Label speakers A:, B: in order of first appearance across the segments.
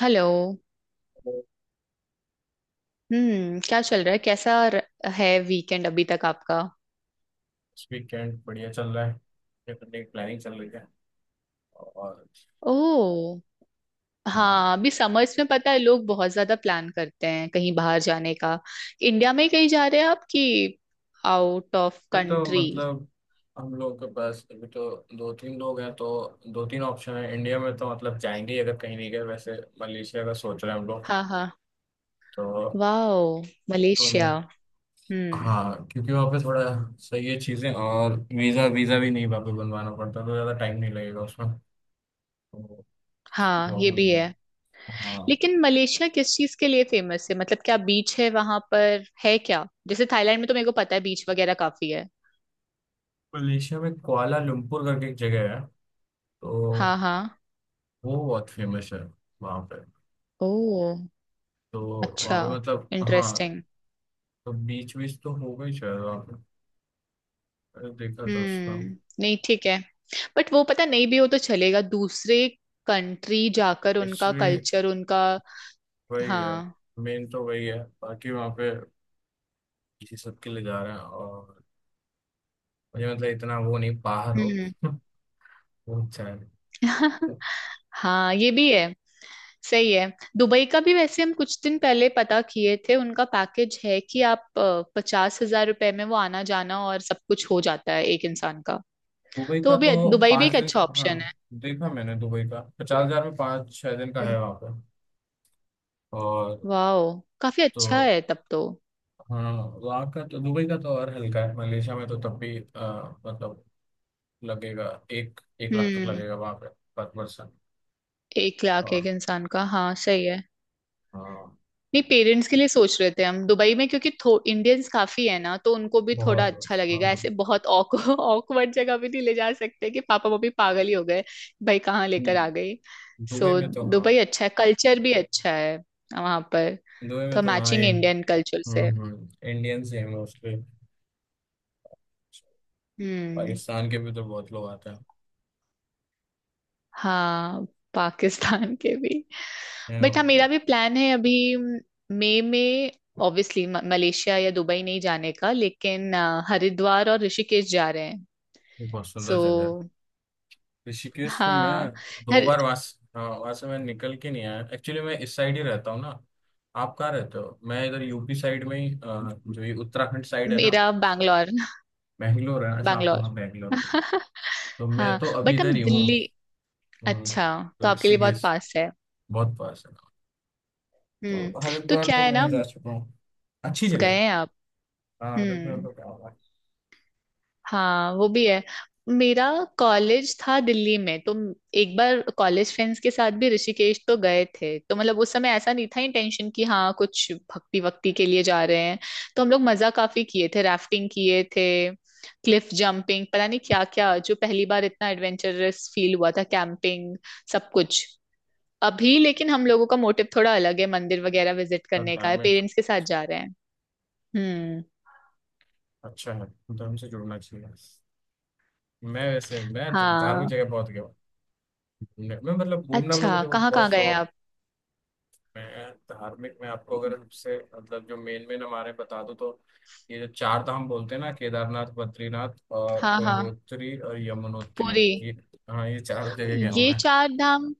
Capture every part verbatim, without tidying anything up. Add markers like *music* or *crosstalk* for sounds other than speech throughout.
A: Hello.
B: तो
A: हम्म, क्या चल रहा है? कैसा र- है वीकेंड अभी तक आपका?
B: इस वीकेंड बढ़िया चल रहा है। ये करने की प्लानिंग चल रही है। और
A: ओह
B: हाँ
A: हाँ, अभी समर्स में पता है लोग बहुत ज्यादा प्लान करते हैं कहीं बाहर जाने का। इंडिया में कहीं जा रहे हैं आप कि आउट ऑफ
B: अभी तो
A: कंट्री?
B: मतलब हम लोगों के पास अभी तो दो तीन लोग हैं, तो दो तीन ऑप्शन है इंडिया में, तो मतलब जाएंगे ही अगर कहीं नहीं गए वैसे। मलेशिया का सोच रहे हैं हम लोग।
A: हाँ हाँ।
B: तो
A: वाओ,
B: तो
A: मलेशिया। हम्म।
B: हाँ, क्योंकि वहाँ पे थोड़ा सही है चीज़ें, और वीज़ा वीज़ा भी नहीं वहाँ पे बनवाना पड़ता, तो ज़्यादा टाइम नहीं लगेगा उसमें। तो उसकी
A: हाँ ये
B: प्रॉब्लम
A: भी
B: नहीं
A: है।
B: है। हाँ
A: लेकिन मलेशिया किस चीज के लिए फेमस है? मतलब क्या बीच है वहां पर? है क्या, जैसे थाईलैंड में तो मेरे को पता है बीच वगैरह काफी है।
B: मलेशिया में कुआला लंपुर करके एक जगह है, तो
A: हाँ हाँ।
B: वो बहुत फेमस है वहाँ पे।
A: ओह
B: तो वहाँ
A: अच्छा।
B: पे मतलब हाँ,
A: इंटरेस्टिंग।
B: तो बीच बीच तो हो गई शायद वहाँ पे, मैंने देखा था उसका।
A: हम्म नहीं ठीक है। बट वो पता नहीं भी हो तो चलेगा, दूसरे कंट्री जाकर उनका
B: एक्चुअली
A: कल्चर उनका।
B: वही है,
A: हाँ।
B: मेन तो वही है, बाकी वहाँ पे इसी सब के लिए जा रहे हैं। और मुझे मतलब इतना वो नहीं बाहर हो।
A: हम्म।
B: *laughs* वो अच्छा है।
A: *laughs* हाँ ये भी है, सही है। दुबई का भी वैसे हम कुछ दिन पहले पता किए थे, उनका पैकेज है कि आप पचास हजार रुपए में वो आना जाना और सब कुछ हो जाता है एक इंसान का।
B: दुबई
A: तो
B: का
A: वो
B: तो
A: भी, दुबई भी
B: पाँच
A: एक
B: दिन
A: अच्छा
B: का,
A: ऑप्शन
B: हाँ
A: है।
B: देखा मैंने दुबई का पचास हजार में पाँच छः दिन का
A: हम्म।
B: है वहाँ पे। और
A: वाह, काफी अच्छा
B: तो
A: है तब तो।
B: हाँ वहाँ का तो दुबई का तो और हल्का है, मलेशिया में तो तब भी अ, मतलब लगेगा, एक एक लाख तक
A: हम्म।
B: लगेगा वहां पे, पर पर्सन।
A: एक लाख
B: और
A: एक इंसान का, हाँ सही है।
B: हाँ।
A: नहीं पेरेंट्स के लिए सोच रहे थे हम दुबई में, क्योंकि इंडियंस काफी है ना तो उनको भी थोड़ा
B: बहुत बहुत
A: अच्छा लगेगा।
B: हाँ।
A: ऐसे बहुत ऑकवर्ड *laughs* जगह भी नहीं ले जा सकते कि पापा मम्मी पागल ही हो गए, भाई कहाँ लेकर आ
B: हम्म
A: गई।
B: दुबई
A: सो
B: में तो हाँ।
A: दुबई अच्छा है, कल्चर भी अच्छा है वहां पर।
B: दुबई में
A: तो
B: तो हाँ
A: मैचिंग
B: इंड।
A: इंडियन कल्चर से।
B: हम्म हम्म इंडियंस ही है मोस्टली।
A: हम्म।
B: पाकिस्तान के भी तो बहुत लोग आते हैं
A: हाँ पाकिस्तान के भी।
B: हैं
A: बट
B: वहाँ
A: हाँ
B: पे।
A: मेरा भी प्लान है अभी मई में। ऑब्वियसली मलेशिया या दुबई नहीं जाने का, लेकिन अ, हरिद्वार और ऋषिकेश जा रहे हैं।
B: वो बहुत सुंदर
A: सो
B: जगह है। ऋषिकेश को मैं
A: हाँ।
B: दो
A: हर-
B: बार वहाँ से- हाँ वहाँ से मैं निकल के नहीं आया एक्चुअली, मैं इस साइड ही रहता हूँ ना। आप कहाँ रहते हो? मैं इधर यू पी साइड में ही अ, जो ये उत्तराखंड साइड है ना।
A: मेरा बैंगलोर।
B: बैंगलोर है? अच्छा आप तो
A: बैंगलोर।
B: हाँ बैंगलोर।
A: *laughs*
B: तो मैं
A: हाँ
B: तो अभी
A: बट हम
B: इधर ही हूँ।
A: दिल्ली। अच्छा, तो
B: हम्म
A: आपके लिए बहुत
B: ऋषिकेश
A: पास है।
B: बहुत पास है।
A: हम्म।
B: तो
A: तो
B: हरिद्वार
A: क्या
B: तो
A: है ना,
B: मैं जा चुका हूँ, अच्छी जगह
A: गए
B: है।
A: हैं आप?
B: हाँ हरिद्वार
A: हम्म
B: तो क्या हुआ है।
A: हाँ वो भी है। मेरा कॉलेज था दिल्ली में तो एक बार कॉलेज फ्रेंड्स के साथ भी ऋषिकेश तो गए थे, तो मतलब उस समय ऐसा नहीं था इंटेंशन कि हाँ कुछ भक्ति वक्ति के लिए जा रहे हैं। तो हम लोग मजा काफी किए थे, राफ्टिंग किए थे, क्लिफ जंपिंग पता नहीं क्या क्या, जो पहली बार इतना एडवेंचरस फील हुआ था, कैंपिंग सब कुछ। अभी लेकिन हम लोगों का मोटिव थोड़ा अलग है, मंदिर वगैरह विजिट
B: तो
A: करने का है,
B: धार्मिक
A: पेरेंट्स के साथ जा रहे हैं। हम्म।
B: अच्छा है, धर्म से जुड़ना चाहिए। मैं वैसे मैं तो धार्मिक
A: हाँ
B: जगह बहुत गया हूँ घूमने। मैं मतलब घूमना वूमना
A: अच्छा,
B: मुझे
A: कहाँ
B: बहुत
A: कहाँ गए
B: शौक
A: आप?
B: है। धार्मिक में आपको अगर सबसे मतलब जो मेन मेन हमारे बता दूँ तो ये जो चार धाम बोलते हैं ना, केदारनाथ, बद्रीनाथ, और
A: हाँ हाँ।
B: गंगोत्री और यमुनोत्री।
A: पुरी।
B: ये, हाँ ये चारों जगह गया हूँ
A: ये
B: मैं।
A: चार धाम।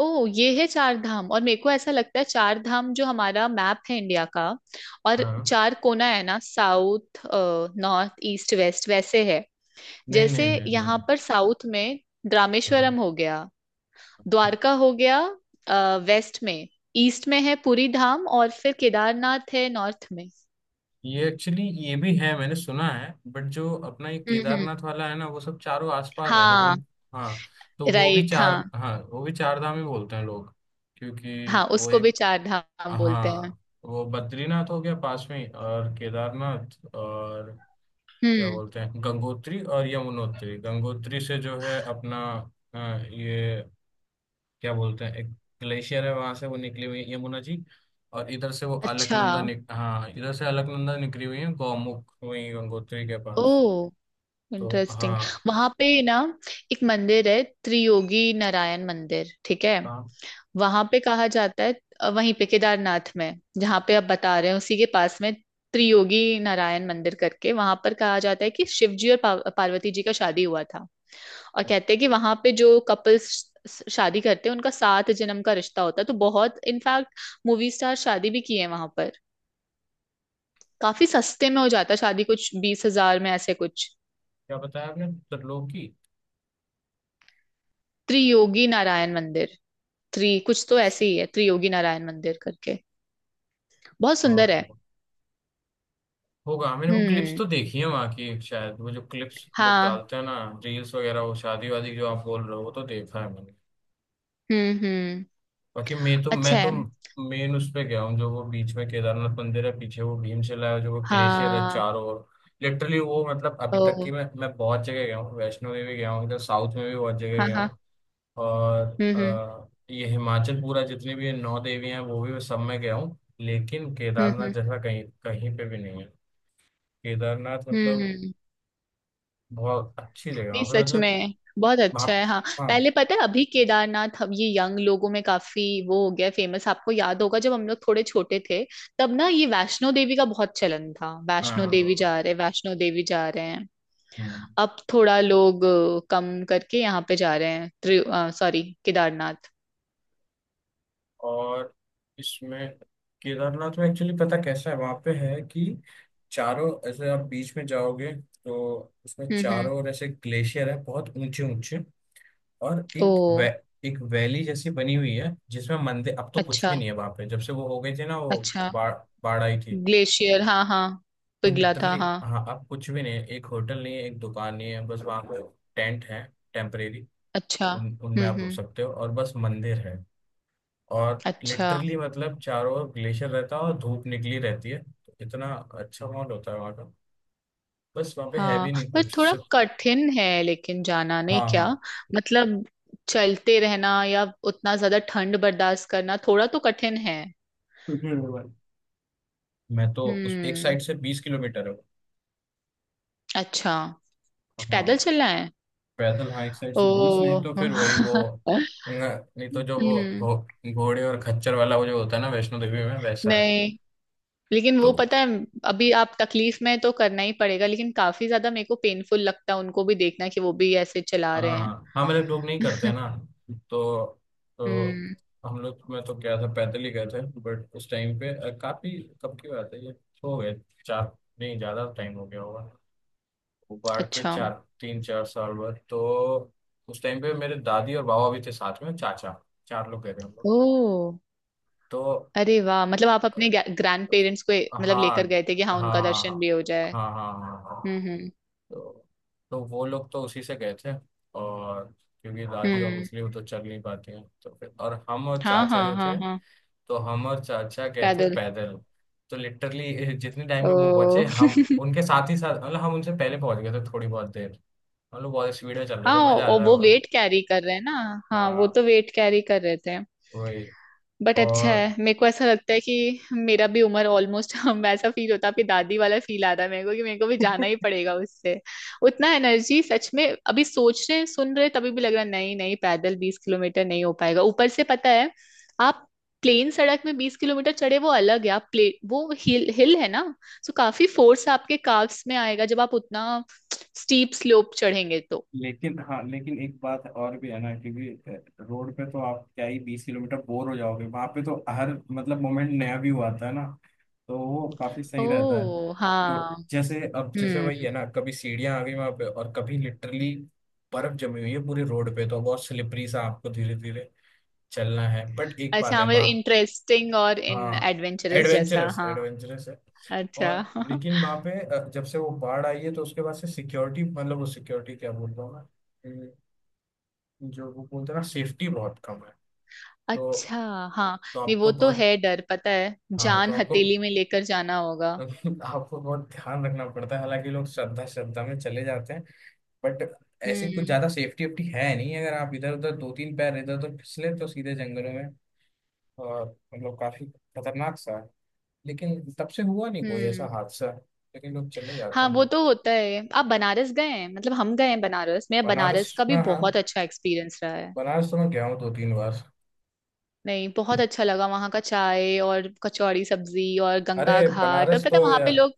A: ओ ये है चार धाम। और मेरे को ऐसा लगता है चार धाम जो हमारा मैप है इंडिया का, और
B: हाँ,
A: चार कोना है ना, साउथ नॉर्थ ईस्ट वेस्ट वैसे है।
B: नहीं
A: जैसे
B: नहीं नहीं
A: यहाँ
B: नहीं
A: पर साउथ में
B: हाँ
A: रामेश्वरम हो गया, द्वारका हो गया वेस्ट में, ईस्ट में है पुरी धाम, और फिर केदारनाथ है नॉर्थ में।
B: ये एक्चुअली ये भी है, मैंने सुना है, बट जो अपना ये
A: हम्म हम्म।
B: केदारनाथ वाला है ना वो सब चारों आसपास है तो
A: हाँ।
B: उन। हाँ तो वो भी
A: राइट
B: चार,
A: हाँ।
B: हाँ वो भी चार धाम ही बोलते हैं लोग, क्योंकि
A: हाँ
B: वो
A: उसको भी
B: एक।
A: चार धाम बोलते हैं।
B: हाँ वो बद्रीनाथ हो गया पास में ही, और केदारनाथ और क्या
A: हम्म
B: बोलते हैं, गंगोत्री और यमुनोत्री। गंगोत्री से जो है अपना अ, ये क्या बोलते हैं, एक ग्लेशियर है, वहां से वो निकली हुई है यमुना जी। और इधर से वो
A: अच्छा।
B: अलकनंदा निक, हाँ इधर से अलकनंदा निकली हुई है, गौमुख हुई गंगोत्री के पास।
A: ओ
B: तो
A: इंटरेस्टिंग।
B: हाँ।
A: वहां पे ना एक मंदिर है, त्रियोगी नारायण मंदिर, ठीक है?
B: कहाँ?
A: वहां पे कहा जाता है अ, वहीं पे केदारनाथ में, जहाँ पे आप बता रहे हैं उसी के पास में, त्रियोगी नारायण मंदिर करके। वहां पर कहा जाता है कि शिव जी और पार्व- पार्वती जी का शादी हुआ था। और कहते हैं कि वहां पे जो कपल्स शादी करते हैं उनका सात जन्म का रिश्ता होता है, तो बहुत इनफैक्ट मूवी स्टार शादी भी किए हैं वहां पर। काफी सस्ते में हो जाता है शादी, कुछ बीस हजार में, ऐसे कुछ।
B: क्या बताया आपने, त्रिलोकी?
A: त्रियोगी नारायण मंदिर, थ्री कुछ तो ऐसे ही है, त्रियोगी नारायण मंदिर करके। बहुत
B: हाँ
A: सुंदर है।
B: होगा। होगा। मैंने वो क्लिप्स
A: हम्म।
B: तो देखी है वहाँ की, शायद वो जो क्लिप्स लोग
A: हाँ।
B: डालते हैं ना, रील्स वगैरह, वो शादी वादी जो आप बोल रहे हो वो तो देखा है मैंने।
A: हम्म हम्म।
B: बाकी मैं तो मैं
A: अच्छा
B: तो
A: है
B: मेन उस पे गया हूँ, जो वो बीच में केदारनाथ मंदिर है पीछे, वो भीमशिला है, जो वो ग्लेशियर है
A: हाँ।
B: चारों ओर। लिटरली वो मतलब अभी तक
A: ओ
B: की मैं मैं बहुत जगह गया हूँ, वैष्णो देवी गया हूँ, इधर साउथ में भी बहुत जगह
A: हाँ
B: गया
A: हाँ।
B: हूँ। और
A: हम्म हम्म।
B: अ, ये हिमाचल पूरा, जितनी भी नौ देवियां हैं वो भी मैं सब में गया हूँ, लेकिन केदारनाथ
A: हम्म
B: जैसा कहीं कहीं पे भी नहीं है। केदारनाथ
A: हम्म।
B: मतलब
A: हम्म।
B: बहुत अच्छी जगह है
A: नहीं
B: वहाँ पे,
A: सच
B: मतलब।
A: में बहुत
B: वहाँ
A: अच्छा है, हाँ।
B: हाँ
A: पहले पता है अभी केदारनाथ अब ये यंग लोगों में काफी वो हो गया, फेमस। आपको याद होगा जब हम लोग थोड़े छोटे थे, तब ना ये वैष्णो देवी का बहुत चलन था।
B: हाँ हाँ
A: वैष्णो
B: हाँ, हाँ,
A: देवी
B: हाँ।
A: जा रहे, वैष्णो देवी जा रहे हैं।
B: हम्म
A: अब थोड़ा लोग अ, कम करके यहाँ पे जा रहे हैं, सॉरी केदारनाथ।
B: और इसमें केदारनाथ में एक्चुअली पता कैसा है वहाँ पे, है कि चारों ऐसे आप बीच में जाओगे, तो उसमें
A: हम्म हम्म।
B: चारों ओर ऐसे ग्लेशियर है, बहुत ऊंचे ऊंचे। और
A: ओ
B: एक वै, एक वैली जैसी बनी हुई है जिसमें मंदिर, अब तो कुछ
A: अच्छा।
B: भी नहीं है वहाँ पे जब से वो हो गई थी ना, वो
A: अच्छा।
B: बाढ़, बाढ़ आई थी।
A: ग्लेशियर हाँ हाँ,
B: तो
A: पिघला था
B: लिटरली
A: हाँ।
B: हाँ अब कुछ भी नहीं है, एक होटल नहीं है, एक दुकान नहीं है, बस वहाँ पे टेंट है टेम्परेरी।
A: अच्छा।
B: उन उनमें
A: हम्म
B: आप रुक
A: हम्म।
B: सकते हो और बस मंदिर है। और
A: अच्छा।
B: लिटरली मतलब चारों ओर ग्लेशियर रहता है और धूप निकली रहती है, तो इतना अच्छा माहौल होता है वहाँ का। बस वहाँ पे है
A: हाँ
B: भी नहीं
A: पर
B: कुछ,
A: थोड़ा
B: सिर्फ।
A: कठिन है, लेकिन जाना नहीं
B: हाँ
A: क्या,
B: हाँ।
A: मतलब चलते रहना या उतना ज्यादा ठंड बर्दाश्त करना थोड़ा तो कठिन है।
B: हम्म मैं तो उस एक
A: हम्म।
B: साइड से बीस किलोमीटर है वो।
A: अच्छा, पैदल
B: हाँ
A: चलना है?
B: पैदल, हाँ एक साइड
A: ओ।
B: से बीस,
A: *laughs*
B: नहीं तो फिर वही वो,
A: हम्म।
B: न- नहीं तो जो वो घो, घोड़े और खच्चर वाला वो जो होता है ना वैष्णो देवी में वैसा है।
A: नहीं लेकिन
B: तो
A: वो पता है, अभी आप तकलीफ में हैं तो करना ही पड़ेगा, लेकिन काफी ज्यादा मेरे को पेनफुल लगता है उनको भी देखना कि वो भी ऐसे चला
B: हाँ
A: रहे हैं।
B: हाँ, हम लोग लोग नहीं करते ना। तो तो
A: हम्म।
B: हम लोग में तो क्या था, पैदल ही गए थे, बट उस टाइम पे अ, काफी, कब की बात है ये, हो गए चार, नहीं ज्यादा टाइम हो गया होगा, उबाड़ के
A: अच्छा।
B: चार, तीन चार साल बाद तो। उस टाइम पे मेरे दादी और बाबा भी थे, साथ में चाचा। चार लोग गए थे हम लोग।
A: ओ
B: तो
A: अरे वाह, मतलब आप अपने ग्रैंड पेरेंट्स को
B: हाँ
A: मतलब लेकर गए थे कि
B: हाँ
A: हाँ उनका
B: हाँ
A: दर्शन
B: हाँ,
A: भी हो जाए।
B: हाँ हाँ हाँ
A: हम्म
B: हाँ।
A: हम्म।
B: तो तो वो लोग तो उसी से गए थे। और क्योंकि दादी
A: हम्म।
B: ऑब्वियसली वो तो चल नहीं पाती हैं, तो फिर और हम और
A: हाँ
B: चाचा
A: हाँ
B: जो थे,
A: हाँ हाँ।
B: तो हम और चाचा गए थे
A: पैदल।
B: पैदल। तो लिटरली जितने टाइम *laughs* में वो बचे,
A: ओ।
B: हम
A: *laughs*
B: उनके साथ ही साथ, मतलब हम उनसे पहले पहुंच गए थे थोड़ी बहुत देर, मतलब बहुत स्पीड में चल रहे थे,
A: हाँ
B: मजा आ
A: और
B: रहा था
A: वो
B: बहुत।
A: वेट कैरी कर रहे हैं ना। हाँ वो
B: हाँ
A: तो वेट कैरी कर रहे थे।
B: वही।
A: बट अच्छा
B: और
A: है। मेरे को ऐसा लगता है कि मेरा भी उम्र ऑलमोस्ट *laughs* हम वैसा फील होता है, आपकी दादी वाला फील आ रहा है मेरे को कि मेरे को भी जाना ही पड़ेगा उससे। उतना एनर्जी सच में अभी सोच रहे सुन रहे तभी भी लग रहा है, नहीं नहीं पैदल बीस किलोमीटर नहीं हो पाएगा। ऊपर से पता है आप प्लेन सड़क में बीस किलोमीटर चढ़े वो अलग है, आप प्ले वो हिल हिल है ना, सो काफी फोर्स आपके काफ्स में आएगा जब आप उतना स्टीप स्लोप चढ़ेंगे तो।
B: लेकिन हाँ, लेकिन एक बात और भी है ना, क्योंकि अ, रोड पे तो आप क्या ही बीस किलोमीटर बोर हो जाओगे, वहां पे तो हर मतलब मोमेंट नया व्यू आता है ना, तो वो काफी सही रहता है।
A: ओ
B: तो
A: हाँ।
B: जैसे अब जैसे वही
A: हम्म।
B: है ना, कभी सीढ़ियां आ गई वहां पे, और कभी लिटरली बर्फ जमी हुई है पूरी रोड पे, तो बहुत स्लिपरी सा, आपको धीरे धीरे चलना है, बट एक
A: अच्छा
B: बात
A: हाँ,
B: है
A: मतलब
B: वहाँ।
A: इंटरेस्टिंग और इन
B: हाँ,
A: एडवेंचरस जैसा
B: एडवेंचरस
A: हाँ।
B: एडवेंचरस है।
A: अच्छा।
B: और
A: *laughs*
B: लेकिन वहां पे अ, जब से वो बाढ़ आई है तो उसके बाद से सिक्योरिटी, मतलब वो सिक्योरिटी क्या बोल रहा हूँ मैं, जो वो बोलते हैं ना, सेफ्टी बहुत कम है। तो
A: अच्छा। हाँ।
B: तो
A: नहीं
B: आपको
A: वो तो
B: बहुत,
A: है डर, पता है
B: हाँ तो
A: जान
B: आपको
A: हथेली में लेकर जाना होगा।
B: *laughs* आपको बहुत ध्यान रखना पड़ता है, हालांकि लोग श्रद्धा श्रद्धा में चले जाते हैं, बट ऐसी कुछ
A: हम्म
B: ज्यादा सेफ्टी वेफ्टी है नहीं, अगर आप इधर उधर दो तीन पैर इधर उधर फिसले तो सीधे जंगलों में। और मतलब काफी खतरनाक सा है, लेकिन तब से हुआ नहीं कोई ऐसा
A: हम्म।
B: हादसा, लेकिन लोग चले जाते
A: हाँ
B: हैं
A: वो
B: हाँ।
A: तो होता है। आप बनारस गए हैं? मतलब हम गए हैं बनारस, मेरा
B: बनारस,
A: बनारस का भी
B: हाँ हाँ,
A: बहुत अच्छा एक्सपीरियंस रहा है।
B: बनारस तो मैं गया हूँ दो तीन बार।
A: नहीं बहुत अच्छा लगा वहाँ का, चाय और कचौड़ी सब्जी और
B: अरे
A: गंगा घाट, और
B: बनारस
A: पता
B: तो
A: है वहाँ
B: या,
A: पे लोग।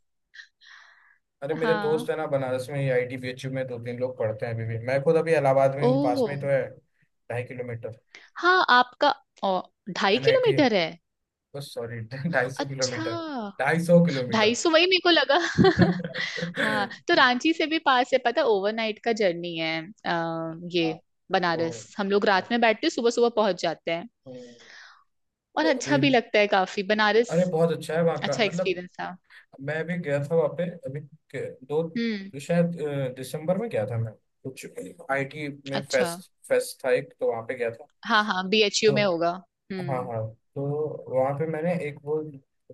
B: अरे मेरे
A: हाँ।
B: दोस्त है ना बनारस में ही, I T B H U में दो तीन लोग पढ़ते हैं अभी भी, मैं खुद अभी इलाहाबाद में हूँ, पास में
A: ओह
B: ही तो है, ढाई किलोमीटर
A: हाँ आपका। ओ ढाई
B: एन आई टी,
A: किलोमीटर है?
B: बस सॉरी *laughs* ढाई सौ
A: अच्छा।
B: किलोमीटर, ढाई सौ
A: ढाई
B: किलोमीटर
A: सौ वही मेरे को लगा। *laughs*
B: *laughs*
A: हाँ तो रांची से भी पास है पता, ओवरनाइट का जर्नी है। आ,
B: हाँ
A: ये
B: तो
A: बनारस, हम लोग
B: हाँ,
A: रात में बैठते सुबह सुबह पहुंच जाते हैं।
B: हम्म,
A: और
B: तो
A: अच्छा
B: अभी
A: भी लगता है काफी बनारस,
B: अरे बहुत अच्छा है वहाँ का
A: अच्छा
B: मतलब।
A: एक्सपीरियंस था।
B: मैं भी गया था वहाँ पे अभी के- दो
A: हम्म
B: शायद अ, दिसंबर में गया था मैं कुछ। आई टी में
A: अच्छा।
B: फेस्ट फेस्ट था एक, तो वहाँ पे गया था।
A: हाँ हाँ बी एच यू
B: तो
A: में होगा।
B: हाँ
A: हम्म।
B: हाँ, तो वहां पे मैंने एक वो,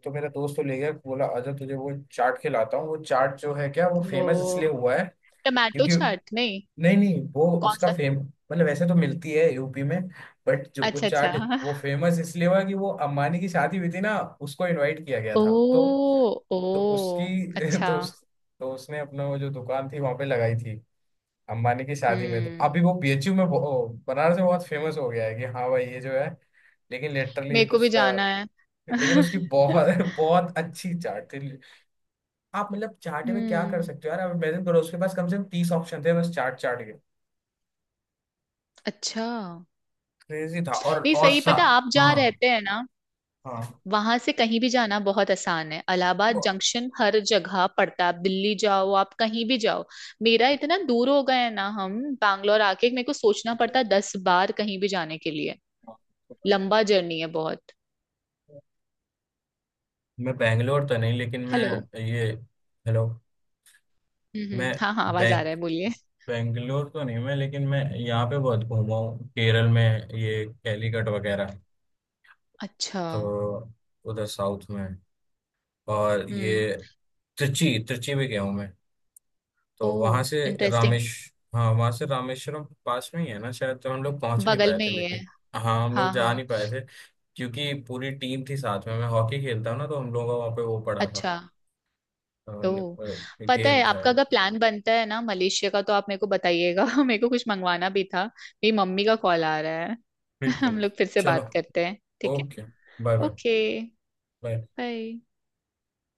B: तो मेरा दोस्त तो ले गया, बोला आजा तुझे वो चाट खिलाता हूँ, वो चाट जो है क्या वो फेमस
A: ओ
B: इसलिए हुआ है
A: टमाटो
B: क्योंकि,
A: चाट नहीं?
B: नहीं नहीं वो
A: कौन
B: उसका
A: सा?
B: फेम, मतलब वैसे तो मिलती है यूपी में, बट जो वो
A: अच्छा अच्छा।
B: चाट, वो
A: *laughs*
B: फेमस इसलिए हुआ कि वो अम्बानी की शादी हुई थी ना उसको इनवाइट किया गया
A: ओ।
B: था। तो
A: ओ
B: तो उसकी *laughs*
A: अच्छा।
B: तो उस, तो उसने अपना वो जो दुकान थी वहां पे लगाई थी अम्बानी की शादी में, तो
A: हम्म।
B: अभी वो बी एच यू में बहु- बनारस में बहुत फेमस हो गया है कि हाँ भाई ये जो है। लेकिन लिटरली
A: मेरे को भी
B: उसका,
A: जाना है।
B: लेकिन उसकी
A: *laughs*
B: बहुत बहुत अच्छी चाट थी। आप मतलब चाट में क्या कर
A: हम्म।
B: सकते हो यार, आप इमेजिन करो उसके पास कम से कम तीस ऑप्शन थे, बस चाट चाट के।
A: अच्छा।
B: क्रेजी था और
A: नहीं सही,
B: औसा।
A: पता आप जहाँ
B: हाँ
A: रहते हैं ना
B: हाँ,
A: वहां से कहीं भी जाना बहुत आसान है। इलाहाबाद
B: बहुत-
A: जंक्शन हर जगह पड़ता है, आप दिल्ली जाओ, आप कहीं भी जाओ। मेरा इतना दूर हो गया है ना, हम बैंगलोर आके मेरे को सोचना पड़ता है दस बार कहीं भी जाने के लिए। लंबा जर्नी है बहुत।
B: मैं बैंगलोर तो नहीं लेकिन मैं
A: हेलो।
B: ये हेलो।
A: हम्म
B: मैं
A: हम्म, हाँ हाँ आवाज आ
B: बैंग
A: रहा है, बोलिए।
B: बैंगलोर तो नहीं मैं, लेकिन मैं यहाँ पे बहुत घूमा हूँ केरल में, ये कैलीकट वगैरह,
A: अच्छा।
B: तो उधर साउथ में। और
A: हम्म।
B: ये त्रिची त्रिची भी गया हूँ मैं,
A: ओ
B: तो वहां से
A: इंटरेस्टिंग।
B: रामेश हाँ, वहां से रामेश्वरम पास में ही है ना शायद, तो हम लोग पहुंच नहीं
A: बगल
B: पाए
A: में
B: थे,
A: ही है।
B: लेकिन हाँ हम लोग
A: हाँ
B: जा
A: हाँ।
B: नहीं पाए थे, क्योंकि पूरी टीम थी साथ में, मैं हॉकी खेलता हूँ ना, तो हम लोगों का वहाँ पे वो पड़ा था,
A: अच्छा
B: अ, न-
A: तो
B: अ,
A: पता
B: गेम
A: है,
B: था
A: आपका
B: एक।
A: अगर प्लान बनता है ना मलेशिया का तो आप मेरे को बताइएगा। *laughs* मेरे को कुछ मंगवाना भी था। मेरी मम्मी का कॉल आ रहा है। *laughs* हम
B: बिल्कुल।
A: लोग फिर से
B: चलो
A: बात करते हैं, ठीक है?
B: Okay. Bye bye.
A: Okay.
B: Bye.
A: Bye.